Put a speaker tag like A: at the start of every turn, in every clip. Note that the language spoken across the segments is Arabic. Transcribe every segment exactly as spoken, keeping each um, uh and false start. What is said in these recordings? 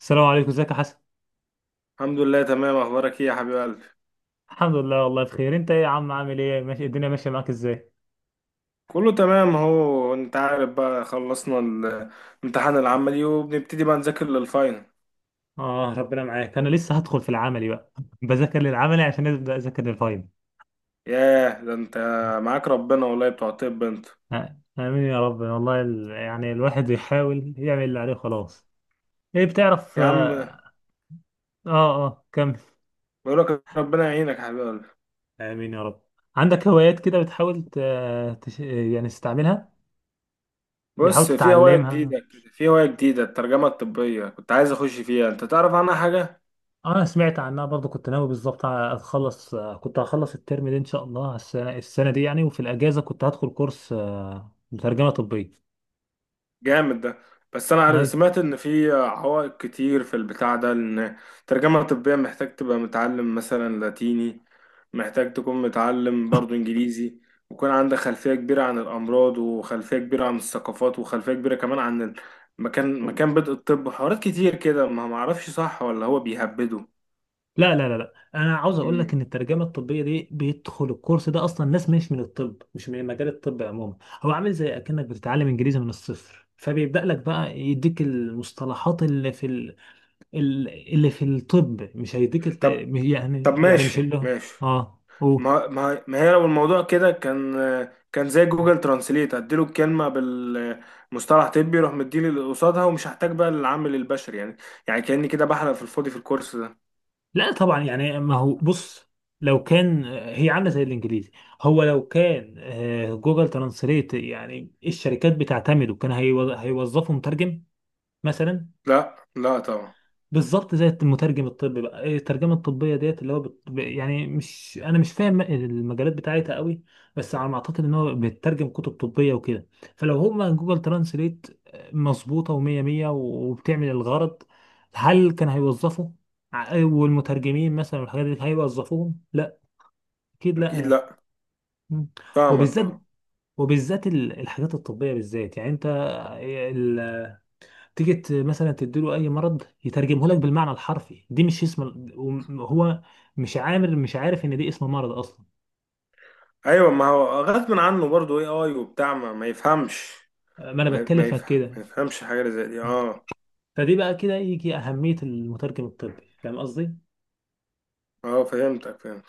A: السلام عليكم، ازيك يا حسن؟
B: الحمد لله، تمام. اخبارك ايه يا حبيب قلبي؟
A: الحمد لله والله بخير، انت ايه يا عم؟ عامل ايه؟ ماشي، الدنيا ماشيه معاك ازاي؟
B: كله تمام اهو. انت عارف بقى، خلصنا الامتحان العملي وبنبتدي بقى نذاكر للفاينل.
A: اه، ربنا معاك. انا لسه هدخل في العملي بقى بذاكر للعملي عشان ابدا اذاكر للفاينل.
B: ياه ده انت معاك ربنا والله، بتوع الطب انت.
A: آه، امين يا رب. والله ال... يعني الواحد يحاول يعمل اللي عليه خلاص. ايه بتعرف؟
B: يا عم
A: اه. اه. آه، كمل.
B: بقولك ربنا يعينك يا حبيب قلبي.
A: امين يا رب. عندك هوايات كده بتحاول ت... تش... يعني تستعملها؟ بتحاول
B: بص، في هواية
A: تتعلمها.
B: جديدة كده، في هواية جديدة الترجمة الطبية كنت عايز اخش فيها، انت تعرف عنها حاجة؟
A: آه، انا سمعت عنها برضو، كنت ناوي بالظبط اتخلص، كنت هخلص الترم ده ان شاء الله، السنه السنه دي يعني، وفي الاجازه كنت هدخل كورس آه، مترجمه طبيه.
B: جامد ده. بس انا
A: اي.
B: عارف- سمعت ان في عوائق كتير في البتاع ده، ان ترجمة طبية محتاج تبقى متعلم مثلا لاتيني، محتاج تكون متعلم برضو انجليزي، ويكون عندك خلفية كبيرة عن الامراض، وخلفية كبيرة عن الثقافات، وخلفية كبيرة كمان عن مكان مكان بدء الطب. حوارات كتير كده، ما ما اعرفش صح ولا هو بيهبده.
A: لا لا لا لا، انا عاوز اقول لك
B: مم.
A: ان الترجمه الطبيه دي بيدخل الكورس ده اصلا ناس مش من الطب، مش من مجال الطب عموما. هو عامل زي اكنك بتتعلم انجليزي من الصفر، فبيبدا لك بقى يديك المصطلحات اللي في ال... ال- اللي في الطب. مش هيديك الت...
B: طب طب
A: يعني يعني مش
B: ماشي
A: اللي هو-
B: ماشي.
A: اه قول.
B: ما ما ما هي لو الموضوع كده كان، كان زي جوجل ترانسليت اديله الكلمه بالمصطلح طبي يروح مديني اللي قصادها ومش هحتاج بقى للعامل البشري يعني. يعني كاني كده بحلق في الفاضي في الكورس ده.
A: لا طبعا، يعني ما هو بص، لو كان هي عامله زي الانجليزي، هو لو كان آه، جوجل ترانسليت يعني الشركات بتعتمده، كان هيو- هيوظفوا مترجم مثلا.
B: لا لا طبعا،
A: بالظبط، زي المترجم الطبي بقى. إيه الترجمه الطبيه ديت؟ اللي هو بت... ب- يعني مش، انا مش فاهم المجالات بتاعتها قوي، بس على ما اعتقد ان هو بيترجم كتب طبيه وكده. فلو هما جوجل ترانسليت مظبوطه ومية مية وبتعمل الغرض، هل كان هيوظفه؟ ع- آه، والمترجمين مثلا والحاجات دي هيوظفوهم؟ لا، اكيد
B: اكيد
A: لا.
B: لا.
A: مم.
B: فاهمك
A: وبالذات،
B: اه.
A: وبالذات ال- الحاجات الطبيه بالذات، يعني انت تيجي ت- مثلا تديله اي مرض يترجمه لك بالمعنى الحرفي. دي مش اسم ال- وم- هو مش عامل، مش عارف ان دي اسم مرض اصلا.
B: ايوه ما هو غصب عنه برضه. اي اي وبتاع، ما, ما يفهمش،
A: ما انا
B: ما,
A: بتكلم
B: ما,
A: في
B: يفهم ما
A: كده.
B: يفهمش حاجه زي دي. اه
A: فدي بقى كده يجي اهمية المترجم الطبي. فاهم قصدي؟
B: اه فهمتك فهمت.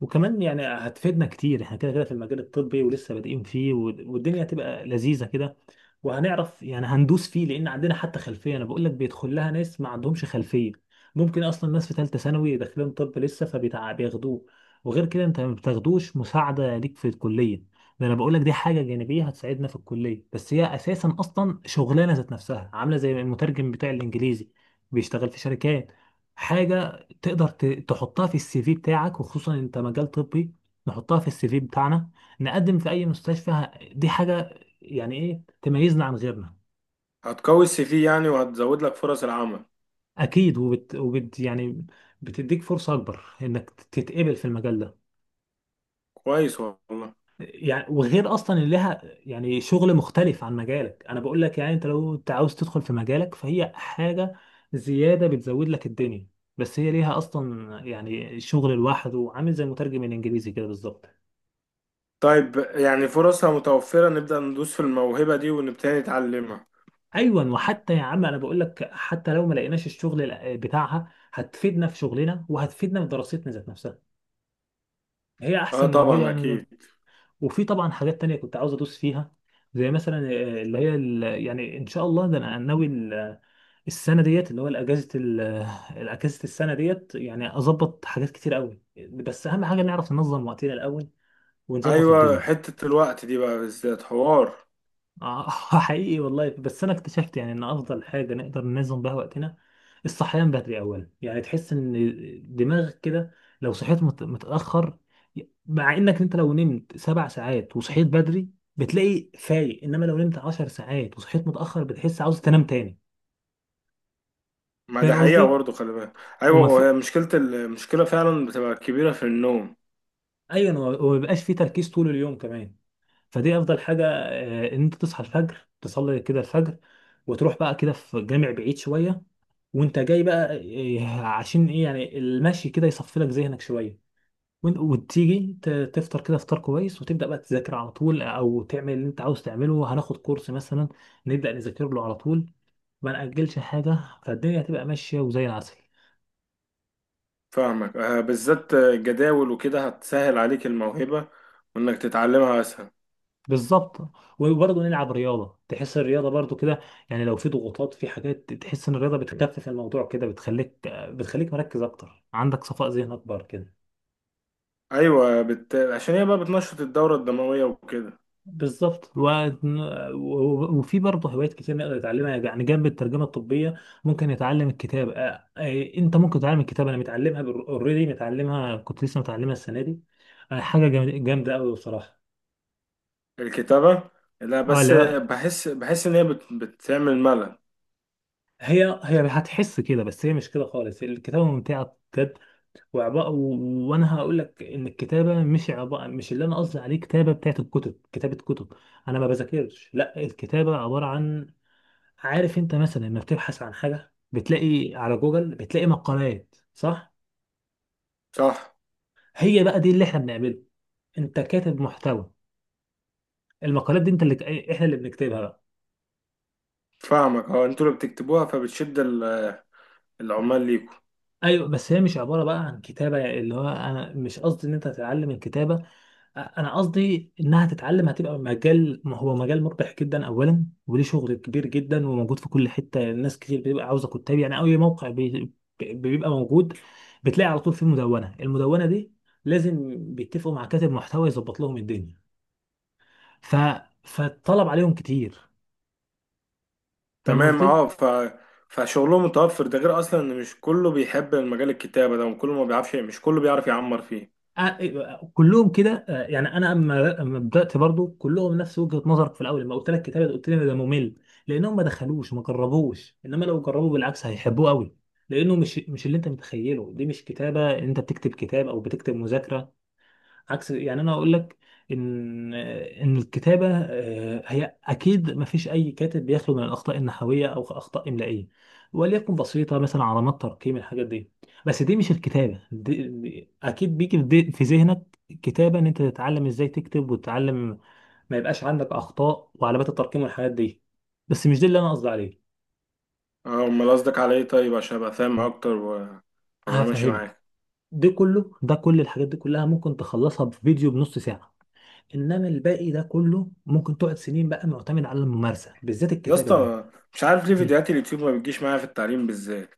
A: وكمان يعني هتفيدنا كتير احنا كده كده في المجال الطبي ولسه بادئين فيه، والد- والدنيا هتبقى لذيذة كده، وهنعرف يعني هندوس فيه لان عندنا حتى خلفية. انا بقول لك بيدخل لها ناس ما عندهمش خلفية، ممكن اصلا ناس في ثالثة ثانوي داخلين طب لسه فبياخدوه. وغير كده انت ما بتاخدوش مساعدة ليك في الكلية؟ ده انا بقول لك دي حاجة جانبية هتساعدنا في الكلية، بس هي اساسا اصلا شغلانة ذات نفسها، عاملة زي المترجم بتاع الانجليزي، بيشتغل في شركات. حاجة تقدر ت- تحطها في السي في بتاعك، وخصوصا انت مجال طبي. نحطها في السي في بتاعنا، نقدم في اي مستشفى. ه- دي حاجة يعني ايه تميزنا عن غيرنا.
B: هتقوي السي في يعني، وهتزود لك فرص العمل.
A: اكيد، وبت, وبت يعني بتديك فرصة اكبر انك تتقبل في المجال ده.
B: كويس والله.
A: يعني وغير اصلا ان لها يعني شغل مختلف عن مجالك، انا بقول لك يعني انت لو انت عاوز تدخل في مجالك فهي حاجة زيادة بتزود لك الدنيا، بس هي ليها اصلا يعني شغل لوحده، عامل زي مترجم الانجليزي كده بالظبط.
B: طيب، يعني فرصها متوفرة، نبدأ ندوس في الموهبة دي ونبتدي نتعلمها.
A: ايوه وحتى يا عم، انا بقول لك حتى لو ما لقيناش الشغل ال- بتاعها، هتفيدنا في شغلنا وهتفيدنا في دراستنا ذات نفسها. هي
B: اه
A: احسن موهبه
B: طبعا
A: أنا
B: اكيد.
A: ده. وفي طبعا حاجات تانية كنت عاوز ادوس فيها، زي مثلا آه، اللي هي ال- يعني ان شاء الله ده انا ناوي ال- السنه ديت اللي هو الاجازه ال- الاجازه السنه ديت يعني اظبط حاجات كتير قوي، بس اهم حاجه نعرف ننظم وقتنا الاول ونظبط
B: ايوه،
A: الدنيا.
B: حتة الوقت دي بقى بالذات حوار.
A: آه، حقيقي والله. بس انا اكتشفت يعني ان افضل حاجه نقدر ننظم بها وقتنا، الصحيان بدري اولا، يعني تحس ان دماغك كده لو صحيت مت- متاخر. مع انك انت لو نمت سبع ساعات وصحيت بدري بتلاقي فايق، انما لو نمت عشر ساعات وصحيت متاخر بتحس عاوز تنام تاني.
B: ما ده
A: فاهم
B: حقيقة
A: قصدي؟
B: برضه، خلي بالك. ايوه،
A: وما
B: وهي
A: في،
B: مشكلة، المشكلة فعلا بتبقى كبيرة في النوم.
A: ايوه وما وما بيبقاش في تركيز طول اليوم كمان. فدي افضل حاجه، آه، ان انت تصحى الفجر تصلي كده الفجر، وتروح بقى كده في جامع بعيد شويه، وانت جاي بقى إيه، عشان ايه؟ يعني المشي كده يصفي لك ذهنك شويه، وإنت- وتيجي ت- تفطر كده فطار كويس، وتبدا بقى تذاكر على طول، او تعمل اللي انت عاوز تعمله. هناخد كورس مثلا، نبدا نذاكر له على طول، ما ناجلش حاجه، فالدنيا هتبقى ماشيه وزي العسل.
B: فاهمك آه، بالذات جداول وكده هتسهل عليك الموهبة وانك تتعلمها اسهل.
A: بالظبط وبرضه نلعب رياضه تحس الرياضه برضه كده يعني لو في ضغوطات في حاجات تحس ان الرياضه بتخفف الموضوع كده بتخليك بتخليك مركز اكتر عندك صفاء ذهن اكبر كده
B: ايوه، بت... عشان هي بقى بتنشط الدورة الدموية وكده.
A: بالظبط. و... و- وفي برضه هوايات كتير نقدر نتعلمها، يعني جنب الترجمه الطبيه ممكن نتعلم الكتابه. آه، آه، انت ممكن تتعلم الكتابه، انا متعلمها اوريدي، متعلمها كنت لسه متعلمها السنه دي. آه، حاجه جامد- جامده قوي بصراحه.
B: الكتابة؟ لا،
A: اه
B: بس
A: لا،
B: بحس، بحس ان هي بت... بتعمل ملل.
A: هي هي هتحس كده بس هي مش كده خالص. الكتابه ممتعه بجد. وعبارة و... وانا هقول لك ان الكتابه مش عبارة، مش اللي انا قصدي عليه كتابه بتاعت الكتب، كتابه كتب انا ما بذاكرش. لا الكتابه عباره عن، عارف انت مثلا لما بتبحث عن حاجه بتلاقي على جوجل بتلاقي مقالات، صح؟
B: صح.
A: هي بقى دي اللي احنا بنعمله. انت كاتب محتوى. المقالات دي انت اللي احنا اللي بنكتبها بقى.
B: فاهمك اه، انتوا اللي بتكتبوها، فبتشد ال- العمال ليكم.
A: ايوه بس هي مش عباره بقى عن كتابه يعني، اللي هو انا مش قصدي ان انت تتعلم الكتابه، انا قصدي انها تتعلم هتبقى مجال. ما هو مجال مربح جدا اولا، وليه شغل كبير جدا وموجود في كل حته، الناس كتير بتبقى عاوزه كتاب يعني. اي موقع بي- بيبقى موجود، بتلاقي على طول فيه مدونه، المدونه دي لازم بيتفقوا مع كاتب محتوى يظبط لهم الدنيا، ف فالطلب عليهم كتير. فاهم
B: تمام
A: قصدي؟
B: اه، ف فشغلهم متوفر، ده غير اصلا ان مش كله بيحب المجال الكتابة ده، وكله ما بيعرفش، مش كله بيعرف يعمر فيه.
A: آه، آه، كلهم كده. آه، يعني انا اما أما بدات برضو كلهم نفس وجهه نظرك في الاول. لما قلت لك كتابه قلت لي إن ده ممل، لانهم ما دخلوش ما جربوش. انما لو جربوا بالعكس هيحبوه قوي، لانه مش مش اللي انت متخيله. دي مش كتابه انت بتكتب كتاب او بتكتب مذاكره. عكس، يعني انا اقول لك ان ان الكتابه آه، هي اكيد ما فيش اي كاتب بيخلو من الاخطاء النحويه او اخطاء املائيه وليكن بسيطه، مثلا علامات ترقيم الحاجات دي. بس دي مش الكتابه، دي دي- اكيد بيجي في دي- في ذهنك كتابه ان انت تتعلم ازاي تكتب، وتتعلم ما يبقاش عندك اخطاء وعلامات الترقيم والحاجات دي. بس مش ده اللي انا قصدي عليه.
B: اه امال قصدك على ايه؟ طيب عشان ابقى فاهم اكتر و- وابقى ماشي
A: هفهمك.
B: معاك.
A: ده كله، ده كل الحاجات دي كلها ممكن تخلصها في فيديو بنص ساعه، انما الباقي ده كله ممكن تقعد سنين بقى معتمد على الممارسه، بالذات
B: يا
A: الكتابه دي.
B: اسطى، مش عارف ليه
A: م.
B: فيديوهات اليوتيوب ما بتجيش معايا في التعليم بالذات.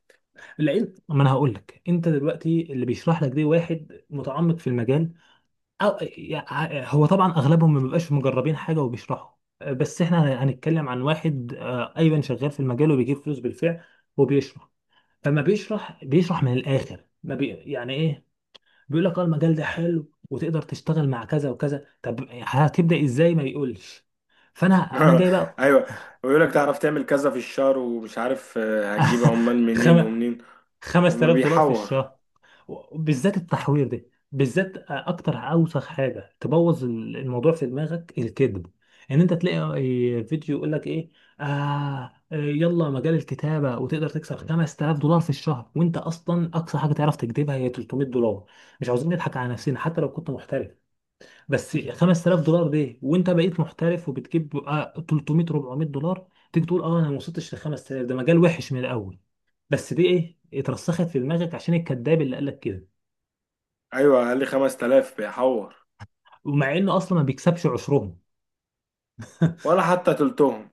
A: العلم، ما انا هقول لك، انت دلوقتي اللي بيشرح لك دي واحد متعمق في المجال، او يع- هو طبعا اغلبهم ما بيبقاش مجربين حاجه وبيشرحوا، بس احنا هنتكلم عن واحد آه، ايضا شغال في المجال وبيجيب فلوس بالفعل وبيشرح. فما بيشرح، بيشرح من الاخر، ما بي يعني ايه، بيقول لك اه المجال ده حلو وتقدر تشتغل مع كذا وكذا، طب هتبدا ازاي؟ ما يقولش. فانا، انا جاي بقى
B: ايوه، ويقول لك تعرف تعمل كذا في الشهر ومش عارف آه، هتجيب عمال منين
A: خم...
B: ومنين. وما
A: خمسة آلاف دولار في
B: بيحور.
A: الشهر. بالذات التحوير ده، بالذات اكتر اوسخ حاجه تبوظ ال- الموضوع في دماغك الكذب. ان انت تلاقي فيديو يقول لك ايه؟ آه يلا مجال الكتابه وتقدر تكسب خمس تلاف دولار في الشهر، وانت اصلا اقصى حاجه تعرف تكذبها هي ثلاثمائة دولار. مش عاوزين نضحك على نفسنا حتى لو كنت محترف. بس خمس تلاف دولار دي وانت بقيت محترف وبتجيب آه، ثلاثمية اربعمائة دولار، تيجي تقول اه انا ما وصلتش ل خمسة آلاف، ده مجال وحش من الاول. بس دي ايه؟ اترسخت في دماغك عشان الكذاب اللي قالك كده.
B: ايوه اقل، خمس تلاف بيحور.
A: ومع انه اصلا ما بيكسبش عشرهم
B: ولا حتى تلتهم.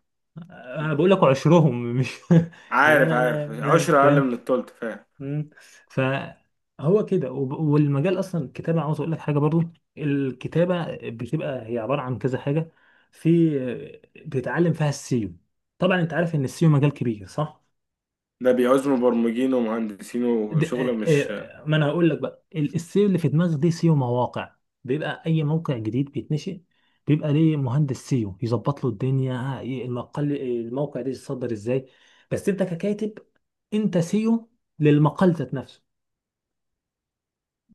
A: انا بقول لك عشرهم مش يعني
B: عارف
A: انا
B: عارف،
A: أنا- أنا-
B: عشرة أقل
A: فاهم.
B: من التلت، فاهم.
A: مم. فهو كده، وب- والمجال اصلا الكتابه، عاوز اقول لك حاجه برضو. الكتابه بتبقى هي عباره عن كذا حاجه، في بتتعلم فيها السيو. طبعا انت عارف ان السيو مجال كبير، صح؟
B: ده بيعوز مبرمجين ومهندسين
A: د-
B: وشغل،
A: آه،
B: مش
A: آه، ما انا هقول لك بقى ال- السيو اللي في دماغك دي سيو مواقع. بيبقى اي موقع جديد بيتنشئ، بيبقى ليه مهندس سيو يظبط له الدنيا ي- المقال الموقع ده يتصدر ازاي. بس انت ككاتب، انت سيو للمقال ذات نفسه.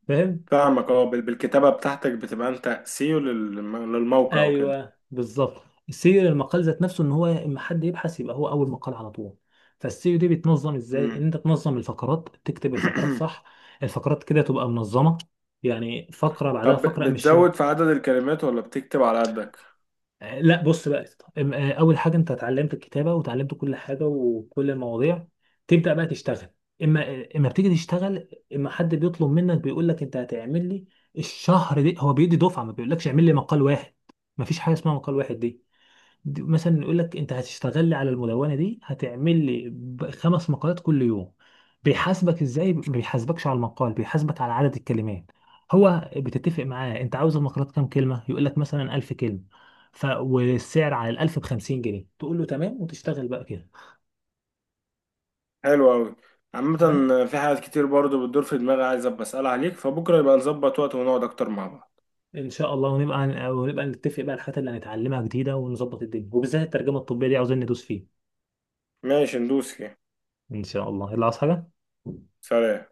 A: فاهم؟
B: فاهمك اه. بال- بالكتابة بتاعتك بتبقى أنت سيو للم- للموقع وكده.
A: ايوه بالظبط. السيو المقال ذات نفسه ان هو اما حد يبحث يبقى هو اول مقال على طول. فالسيو دي بيتنظم ازاي؟ ان
B: مم.
A: انت تنظم الفقرات، تكتب الفقرات صح، الفقرات كده تبقى منظمه، يعني فقره بعدها
B: طب
A: فقره مش.
B: بتزود في عدد الكلمات ولا بتكتب على قدك؟
A: آه، لا بص بقى أم- آه، اول حاجه انت اتعلمت الكتابه وتعلمت كل حاجه وكل المواضيع، تبدا بقى تشتغل. اما اما بتيجي تشتغل، اما حد بيطلب منك بيقول لك انت هتعمل لي الشهر دي، هو بيدي دفعه، ما بيقولكش اعمل لي مقال واحد، ما فيش حاجه اسمها مقال واحد دي. دي- مثلا يقول لك انت هتشتغل لي على المدونه دي هتعمل لي ب- خمس مقالات كل يوم. بيحاسبك ازاي؟ ما بيحاسبكش على المقال، بيحاسبك على عدد الكلمات. هو بتتفق معاه انت عاوز المقالات كام كلمه، يقول لك مثلا الف كلمه، ف والسعر على الالف ب خمسين جنيه، تقول له تمام، وتشتغل بقى كده.
B: حلو أوي. عامة
A: تمام؟
B: في حاجات كتير برضو بتدور في دماغي، عايز أبقى أسألها عليك. فبكرة يبقى نظبط وقت ونقعد أكتر مع بعض.
A: ان شاء الله ونبقى ونبقى نتفق بقى الحاجات اللي هنتعلمها جديده، ونظبط الدنيا، وبالذات الترجمه الطبيه دي عاوزين ندوس فيه.
B: ماشي، ندوس كده.
A: ان شاء الله، يلا عاوز حاجه؟
B: سلام.